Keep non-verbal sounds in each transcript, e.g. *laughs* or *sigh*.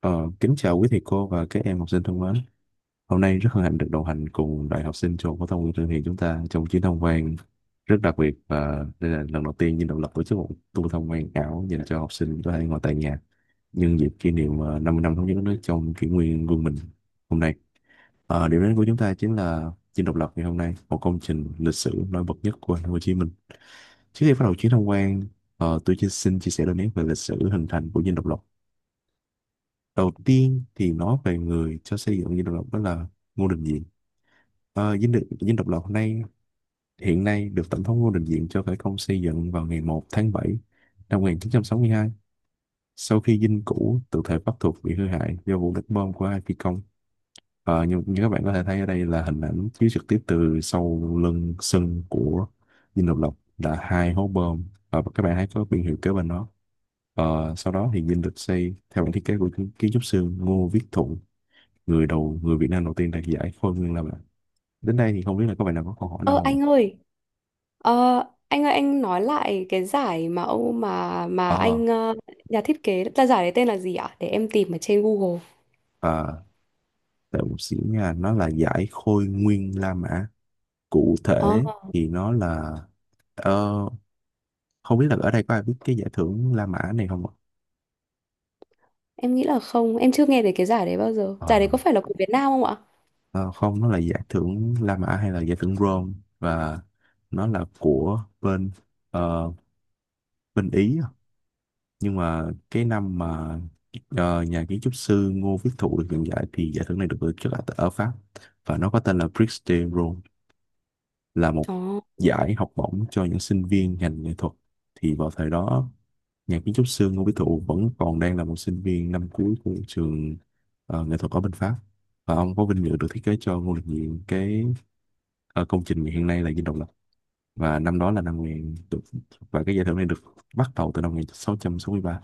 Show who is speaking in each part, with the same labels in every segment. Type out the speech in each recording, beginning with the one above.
Speaker 1: Ờ, Kính chào quý thầy cô và các em học sinh thân mến. Hôm nay rất hân hạnh được đồng hành cùng đoàn học sinh trường phổ thông Nguyễn Trương Hiền chúng ta trong chuyến tham quan rất đặc biệt, và đây là lần đầu tiên Dinh Độc Lập tổ chức một tour tham quan ảo dành cho học sinh có thể ngồi tại nhà nhân dịp kỷ niệm 50 năm thống nhất đất nước trong kỷ nguyên quân mình hôm nay. Điểm đến của chúng ta chính là Dinh Độc Lập ngày hôm nay, một công trình lịch sử nổi bật nhất của thành phố Hồ Chí Minh. Trước khi bắt đầu chuyến tham quan, tôi chỉ xin chia sẻ đôi nét về lịch sử hình thành của Dinh Độc Lập. Đầu tiên thì nói về người cho xây dựng Dinh Độc Lập, đó là Ngô Đình Diệm. Dinh Độc Lập hôm nay hiện nay được Tổng thống Ngô Đình Diệm cho khởi công xây dựng vào ngày 1 tháng 7 năm 1962, sau khi dinh cũ tự thể Bắc thuộc bị hư hại do vụ đánh bom của hai phi công. Như các bạn có thể thấy ở đây là hình ảnh chiếu trực tiếp từ sau lưng sân của Dinh Độc Lập là hai hố bom. Và các bạn thấy có biển hiệu kế bên đó. Sau đó thì dinh được xây theo bản thiết kế của kiến kiến trúc sư Ngô Viết Thuận, người Việt Nam đầu tiên đạt giải Khôi Nguyên Lam ạ. Đến đây thì không biết là các bạn nào có câu hỏi nào
Speaker 2: Ơ
Speaker 1: không ạ?
Speaker 2: anh ơi, ờ, anh nói lại cái giải mà ông mà
Speaker 1: Ờ,
Speaker 2: anh, nhà thiết kế ra giải đấy tên là gì ạ? Để em tìm ở trên Google.
Speaker 1: à, Đợi một xíu nha, nó là giải Khôi Nguyên La Mã. Cụ
Speaker 2: Ờ,
Speaker 1: thể thì nó là, ờ, không biết là ở đây có ai biết cái giải thưởng La Mã này không ạ?
Speaker 2: em nghĩ là không, em chưa nghe về cái giải đấy bao giờ. Giải đấy
Speaker 1: Ờ,
Speaker 2: có phải là của Việt Nam không ạ?
Speaker 1: ờ, Không, nó là giải thưởng La Mã hay là giải thưởng Rome, và nó là của bên, ờ, bên Ý. Nhưng mà cái năm mà nhà kiến trúc sư Ngô Viết Thụ được nhận giải thì giải thưởng này được tổ chức ở Pháp, và nó có tên là Prix de Rome, là một
Speaker 2: Ờ,
Speaker 1: giải học bổng cho những sinh viên ngành nghệ thuật. Thì vào thời đó nhà kiến trúc sư Ngô Viết Thụ vẫn còn đang là một sinh viên năm cuối của trường nghệ thuật ở bên Pháp, và ông có vinh dự được thiết kế cho Ngô Đình Diệm cái công trình hiện nay là Dinh Độc Lập. Và năm đó là năm 1000 được, và cái giải thưởng này được bắt đầu từ năm 1663.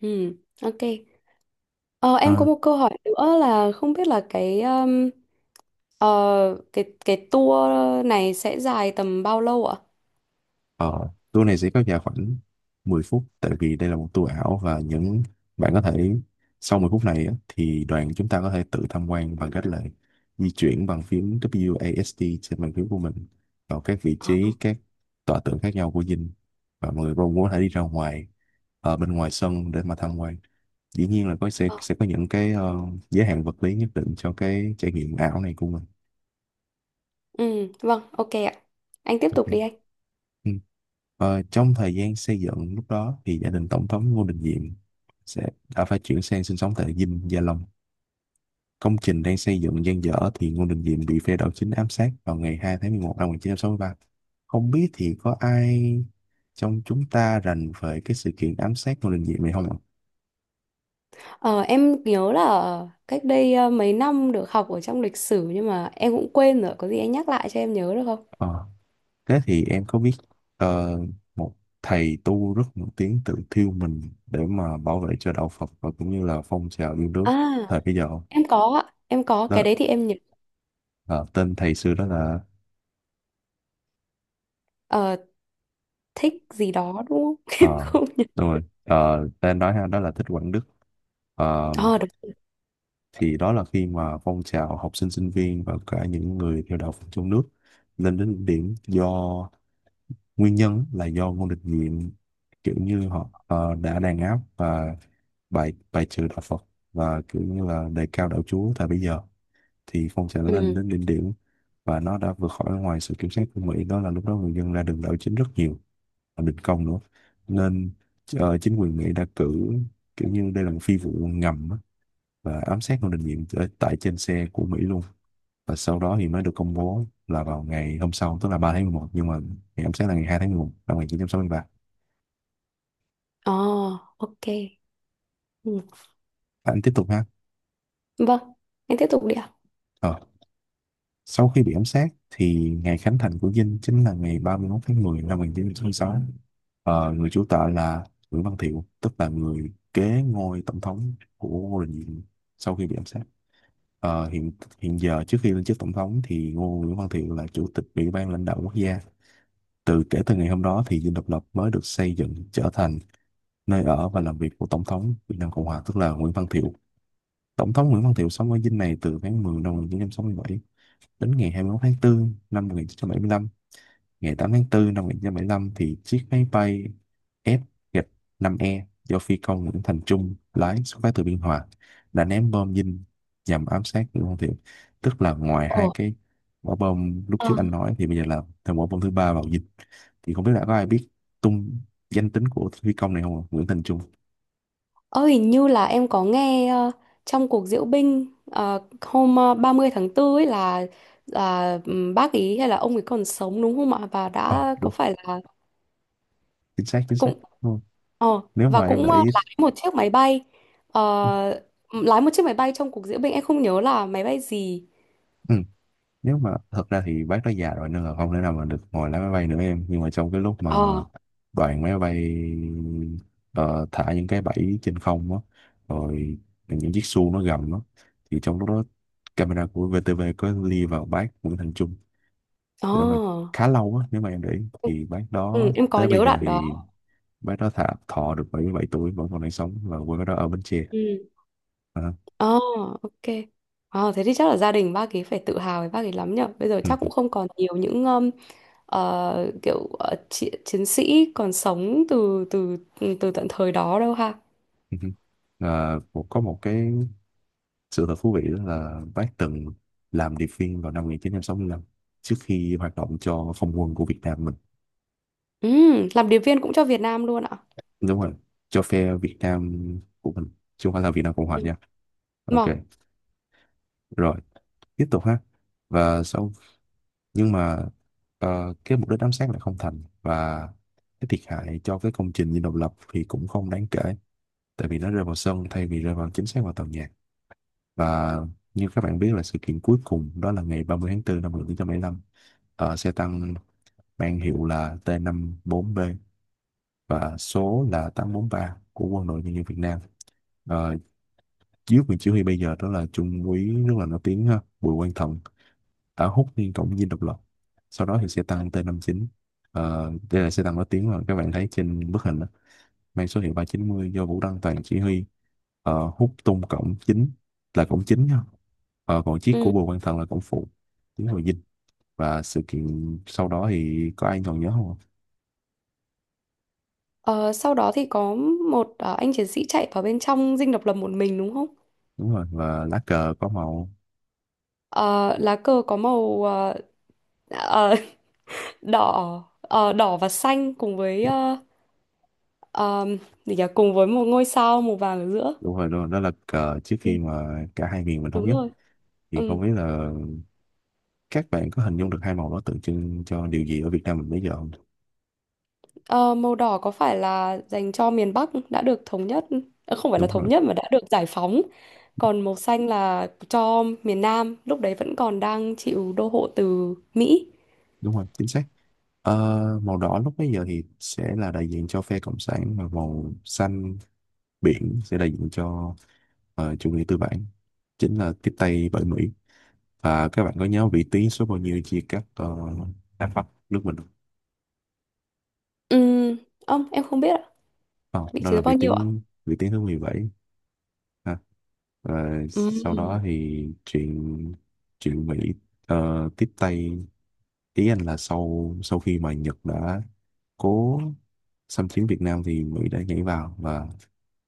Speaker 2: ừ, ok. Ờ, em có một câu hỏi nữa là không biết là cái ờ, cái tour này sẽ dài tầm bao lâu ạ?
Speaker 1: Ờ, Tour này sẽ kéo dài khoảng 10 phút tại vì đây là một tour ảo, và những bạn có thể sau 10 phút này á, thì đoàn chúng ta có thể tự tham quan bằng cách là di chuyển bằng phím w a s d trên bàn phím của mình vào các vị
Speaker 2: Ờ,
Speaker 1: trí, các tọa tượng khác nhau của dinh, và mọi người cũng có thể đi ra ngoài ở bên ngoài sân để mà tham quan. Dĩ nhiên là có sẽ
Speaker 2: ờ,
Speaker 1: sẽ có những cái giới hạn vật lý nhất định cho cái trải nghiệm ảo này của mình.
Speaker 2: ừ, vâng, ok ạ. Anh tiếp tục
Speaker 1: Ok.
Speaker 2: đi anh.
Speaker 1: Ừ. Trong thời gian xây dựng lúc đó thì gia đình Tổng thống Ngô Đình Diệm sẽ đã phải chuyển sang sinh sống tại Dinh Gia Long. Công trình đang xây dựng dang dở thì Ngô Đình Diệm bị phe đảo chính ám sát vào ngày 2 tháng 11 năm 1963. Không biết thì có ai trong chúng ta rành về cái sự kiện ám sát Ngô Đình Diệm này không ạ?
Speaker 2: Ờ, em nhớ là cách đây mấy năm được học ở trong lịch sử, nhưng mà em cũng quên rồi, có gì anh nhắc lại cho em nhớ được không?
Speaker 1: Ờ, Thế thì em có biết ờ, một thầy tu rất nổi tiếng tự thiêu mình để mà bảo vệ cho đạo Phật và cũng như là phong trào yêu nước
Speaker 2: À,
Speaker 1: thời bây giờ không?
Speaker 2: em có ạ, em có
Speaker 1: Đó.
Speaker 2: cái đấy thì em nhớ.
Speaker 1: Ờ, Tên thầy xưa đó là,
Speaker 2: Ờ, thích gì đó đúng không? *laughs* Em
Speaker 1: ờ,
Speaker 2: không nhớ.
Speaker 1: đúng rồi, tên nói ha đó là Thích Quảng Đức. Ờ,
Speaker 2: Ờ, đúng.
Speaker 1: thì đó là khi mà phong trào học sinh sinh viên và cả những người theo đạo Phật trong nước lên đến đỉnh điểm do nguyên nhân là do Ngô Đình Diệm, kiểu như họ đã đàn áp và bài bài trừ đạo Phật và kiểu như là đề cao đạo Chúa tại bây giờ, thì phong trào đã lên
Speaker 2: Ừ.
Speaker 1: đến đỉnh điểm và nó đã vượt khỏi ngoài sự kiểm soát của Mỹ. Đó là lúc đó người dân ra đường đảo chính rất nhiều, đình công nữa, nên chính quyền Mỹ đã cử, kiểu như đây là một phi vụ ngầm á, và ám sát Ngô Đình Diệm ở tại trên xe của Mỹ luôn. Và sau đó thì mới được công bố là vào ngày hôm sau, tức là 3 tháng 11, nhưng mà ngày ám sát là ngày 2 tháng 11 năm 1963.
Speaker 2: Ờ, ok. Ừ.
Speaker 1: Anh tiếp tục ha.
Speaker 2: Vâng, em tiếp tục đi ạ.
Speaker 1: ờ. Sau khi bị ám sát thì ngày khánh thành của Dinh chính là ngày 31 tháng 10 năm 1966. Người chủ tọa là Nguyễn Văn Thiệu, tức là người kế ngôi tổng thống của Ngô Đình Diệm sau khi bị ám sát. Ờ, hiện Hiện giờ, trước khi lên chức tổng thống thì Nguyễn Văn Thiệu là chủ tịch Ủy ban lãnh đạo quốc gia. Kể từ ngày hôm đó thì Dinh Độc Lập mới được xây dựng trở thành nơi ở và làm việc của tổng thống Việt Nam Cộng Hòa, tức là Nguyễn Văn Thiệu. Tổng thống Nguyễn Văn Thiệu sống ở dinh này từ tháng 10 năm 1967 đến ngày 21 tháng 4 năm 1975. Ngày 8 tháng 4 năm 1975 thì chiếc máy bay F-5E do phi công Nguyễn Thành Trung lái, xuất phát từ Biên Hòa, đã ném bom dinh nhằm ám sát Nguyễn Văn Thiệu. Tức là ngoài hai
Speaker 2: Ồ,
Speaker 1: cái quả bom lúc
Speaker 2: ờ,
Speaker 1: trước anh nói, thì bây giờ là thêm quả bom thứ ba vào dinh. Thì không biết là có ai biết tung danh tính của phi công này không ạ? Nguyễn Thành Trung.
Speaker 2: ờ, hình như là em có nghe trong cuộc diễu binh hôm 30 tháng 4 ấy là bác ý, hay là ông ấy còn sống đúng không ạ? Và
Speaker 1: Ờ,
Speaker 2: đã có
Speaker 1: Đúng.
Speaker 2: phải là
Speaker 1: Chính xác, chính xác.
Speaker 2: cũng,
Speaker 1: Đúng không?
Speaker 2: Ờ,
Speaker 1: Nếu
Speaker 2: và
Speaker 1: mà em để
Speaker 2: cũng,
Speaker 1: ý...
Speaker 2: lái một chiếc máy bay. Ờ, trong cuộc diễu binh, em không nhớ là máy bay gì.
Speaker 1: Ừ. Nếu mà thật ra thì bác đã già rồi nên là không thể nào mà được ngồi lái máy bay nữa em, nhưng mà trong cái lúc mà
Speaker 2: ờ
Speaker 1: đoàn máy bay ờ, thả những cái bẫy trên không á, rồi những chiếc xu nó gầm đó, thì trong lúc đó camera của VTV có li vào bác Nguyễn Thành Trung
Speaker 2: ờ
Speaker 1: để mà khá lâu á, nếu mà em để ý.
Speaker 2: ừ,
Speaker 1: Thì bác đó
Speaker 2: ừ, em có
Speaker 1: tới bây
Speaker 2: nhớ
Speaker 1: giờ
Speaker 2: đoạn đó.
Speaker 1: thì bác đó thả thọ được 77 tuổi, vẫn còn đang sống và quê bác đó ở Bến Tre.
Speaker 2: Ừ,
Speaker 1: À, *laughs*
Speaker 2: ờ ok. Ờ, thế thì chắc là gia đình bác ấy phải tự hào với bác ấy lắm nhở. Bây giờ chắc
Speaker 1: ừ,
Speaker 2: cũng không còn nhiều những, kiểu, chiến sĩ còn sống từ từ ừ, từ tận thời đó đâu ha.
Speaker 1: ừ, ừ. À, có một cái sự thật thú vị đó là bác từng làm điệp viên vào năm 1965 trước khi hoạt động cho không quân của Việt Nam mình.
Speaker 2: Ừ. Làm điệp viên cũng cho Việt Nam luôn ạ?
Speaker 1: Đúng rồi, cho phe Việt Nam của mình, chứ không phải là Việt Nam Cộng Hòa
Speaker 2: Ừ.
Speaker 1: nha. Ok,
Speaker 2: Mà.
Speaker 1: rồi, tiếp tục ha. Và sau, nhưng mà cái mục đích ám sát lại không thành, và cái thiệt hại cho cái công trình dinh độc lập thì cũng không đáng kể tại vì nó rơi vào sân thay vì rơi vào chính xác vào tàu nhạc. Và như các bạn biết là sự kiện cuối cùng đó là ngày 30 tháng 4 năm một nghìn chín trăm bảy mươi lăm, xe tăng mang hiệu là t bốn b và số là 843 của Quân đội Nhân dân Việt Nam. Ờ, Dưới quyền chỉ huy bây giờ, đó là Trung úy rất là nổi tiếng ha, Bùi Quang Thận, đã hút liên cổng dinh độc lập. Sau đó thì xe tăng T59, đây là xe tăng nổi tiếng mà các bạn thấy trên bức hình đó, mang số hiệu 390 do Vũ Đăng Toàn chỉ huy, hút tung cổng chính, là cổng chính ha. Còn chiếc của
Speaker 2: Ừ.
Speaker 1: Bùi Quang Thận là cổng phụ tiến vào dinh. Và sự kiện sau đó thì có ai còn nhớ không ạ?
Speaker 2: Ờ, sau đó thì có một, anh chiến sĩ chạy vào bên trong Dinh Độc Lập một mình đúng không?
Speaker 1: Đúng rồi, và lá cờ có màu,
Speaker 2: Ờ, lá cờ có màu, ờ, *laughs* đỏ và xanh, cùng với, ờm, gì nhỉ? Cùng với một ngôi sao màu vàng ở giữa.
Speaker 1: đúng rồi luôn, đó là cờ trước
Speaker 2: Ừ,
Speaker 1: khi mà cả hai miền mình thống
Speaker 2: đúng
Speaker 1: nhất.
Speaker 2: rồi.
Speaker 1: Thì không
Speaker 2: Ừ.
Speaker 1: biết là các bạn có hình dung được hai màu đó tượng trưng cho điều gì ở Việt Nam mình bây giờ không?
Speaker 2: Ờ, màu đỏ có phải là dành cho miền Bắc đã được thống nhất, không phải là
Speaker 1: Đúng rồi.
Speaker 2: thống nhất mà đã được giải phóng. Còn màu xanh là cho miền Nam lúc đấy vẫn còn đang chịu đô hộ từ Mỹ.
Speaker 1: Đúng rồi, chính xác. Ờ, Màu đỏ lúc bây giờ thì sẽ là đại diện cho phe cộng sản, và màu xanh biển sẽ đại diện cho chủ nghĩa tư bản, chính là tiếp tay bởi Mỹ. Và các bạn có nhớ vĩ tuyến số bao nhiêu chia cắt Nam Bắc nước mình không?
Speaker 2: Ừ, ông em không biết ạ.
Speaker 1: Không,
Speaker 2: Vị
Speaker 1: đó
Speaker 2: trí
Speaker 1: là
Speaker 2: số bao nhiêu ạ?
Speaker 1: vĩ tuyến thứ 17 ha. Rồi
Speaker 2: Ừ,
Speaker 1: sau đó thì chuyện chuyện Mỹ tiếp tay, ý anh là sau sau khi mà Nhật đã cố xâm chiếm Việt Nam thì Mỹ đã nhảy vào và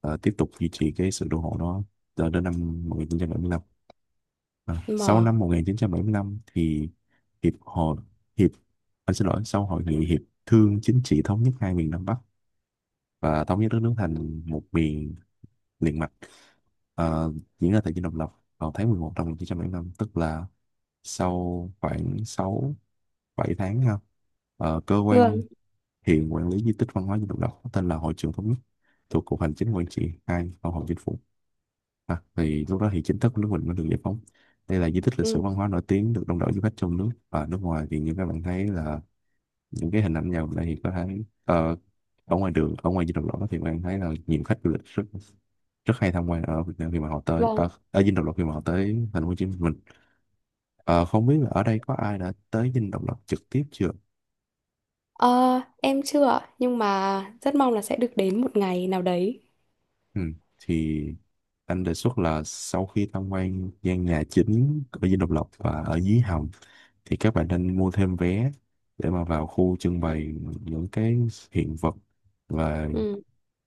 Speaker 1: tiếp tục duy trì cái sự đô hộ đó cho đến năm 1975. À, sau
Speaker 2: mà.
Speaker 1: năm 1975 thì hiệp hội hiệp anh xin lỗi, sau hội nghị hiệp thương chính trị thống nhất hai miền Nam Bắc và thống nhất đất nước thành một miền liền mạch, ờ, diễn ra tại Dinh Độc Lập vào tháng 11 năm 1975, tức là sau khoảng 6 7 tháng ha. Cơ quan
Speaker 2: Ngươn.
Speaker 1: hiện quản lý di tích văn hóa Dinh Độc Lập có tên là Hội trường Thống nhất, thuộc Cục Hành chính Quản trị 2 Văn phòng Chính phủ. À, thì lúc đó thì chính thức nước mình mới được giải phóng. Đây là di tích lịch sử
Speaker 2: Ừ,
Speaker 1: văn hóa nổi tiếng được đông đảo du khách trong nước và nước ngoài, thì như các bạn thấy là những cái hình ảnh vào đây thì có thấy ở ngoài đường, ở ngoài Dinh Độc Lập đó, thì các bạn thấy là nhiều khách du lịch rất rất hay tham quan ở Việt Nam khi mà họ tới
Speaker 2: vâng.
Speaker 1: ở Dinh Độc Lập, khi mà họ tới thành phố Hồ Chí Minh. Ờ, Không biết là ở đây có ai đã tới Dinh Độc Lập trực tiếp chưa?
Speaker 2: Ờ, em chưa, ạ, nhưng mà rất mong là sẽ được đến một ngày nào đấy.
Speaker 1: Ừ. Thì anh đề xuất là sau khi tham quan gian nhà chính ở Dinh Độc Lập và ở dưới hầm, thì các bạn nên mua thêm vé để mà vào khu trưng bày những cái hiện vật và
Speaker 2: Ừ.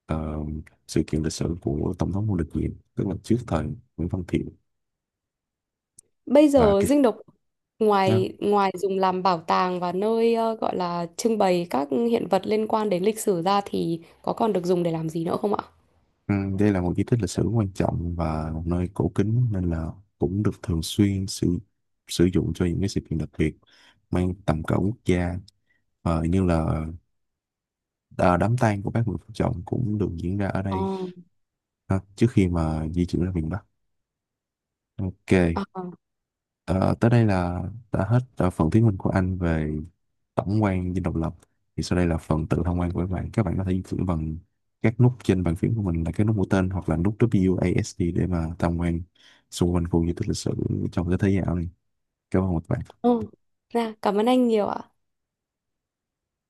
Speaker 1: ờ, sự kiện lịch sử của Tổng thống Ngô Đình Diệm, tức là trước thời Nguyễn Văn Thiệu
Speaker 2: Bây
Speaker 1: và
Speaker 2: giờ
Speaker 1: cái
Speaker 2: Dinh Độc,
Speaker 1: đó.
Speaker 2: ngoài ngoài dùng làm bảo tàng và nơi, gọi là trưng bày các hiện vật liên quan đến lịch sử ra, thì có còn được dùng để làm gì nữa không ạ?
Speaker 1: Ừ, đây là một di tích lịch sử quan trọng và một nơi cổ kính, nên là cũng được thường xuyên sử dụng cho những cái sự kiện đặc biệt mang tầm cỡ quốc gia. Như là, à, đám tang của bác Nguyễn Phú Trọng cũng được diễn ra ở
Speaker 2: Ờ.
Speaker 1: đây ha, trước khi mà di chuyển ra miền Bắc. Ok,
Speaker 2: À,
Speaker 1: ờ, tới đây là đã hết phần thuyết minh của anh về tổng quan dinh độc lập. Thì sau đây là phần tự tham quan của các bạn, các bạn có thể di chuyển bằng các nút trên bàn phím của mình là cái nút mũi tên hoặc là nút WASD để mà tham quan xung quanh khu di tích lịch sử trong cái thế giới ảo này. Cảm ơn các bạn.
Speaker 2: ừ. Dạ, cảm ơn anh nhiều ạ.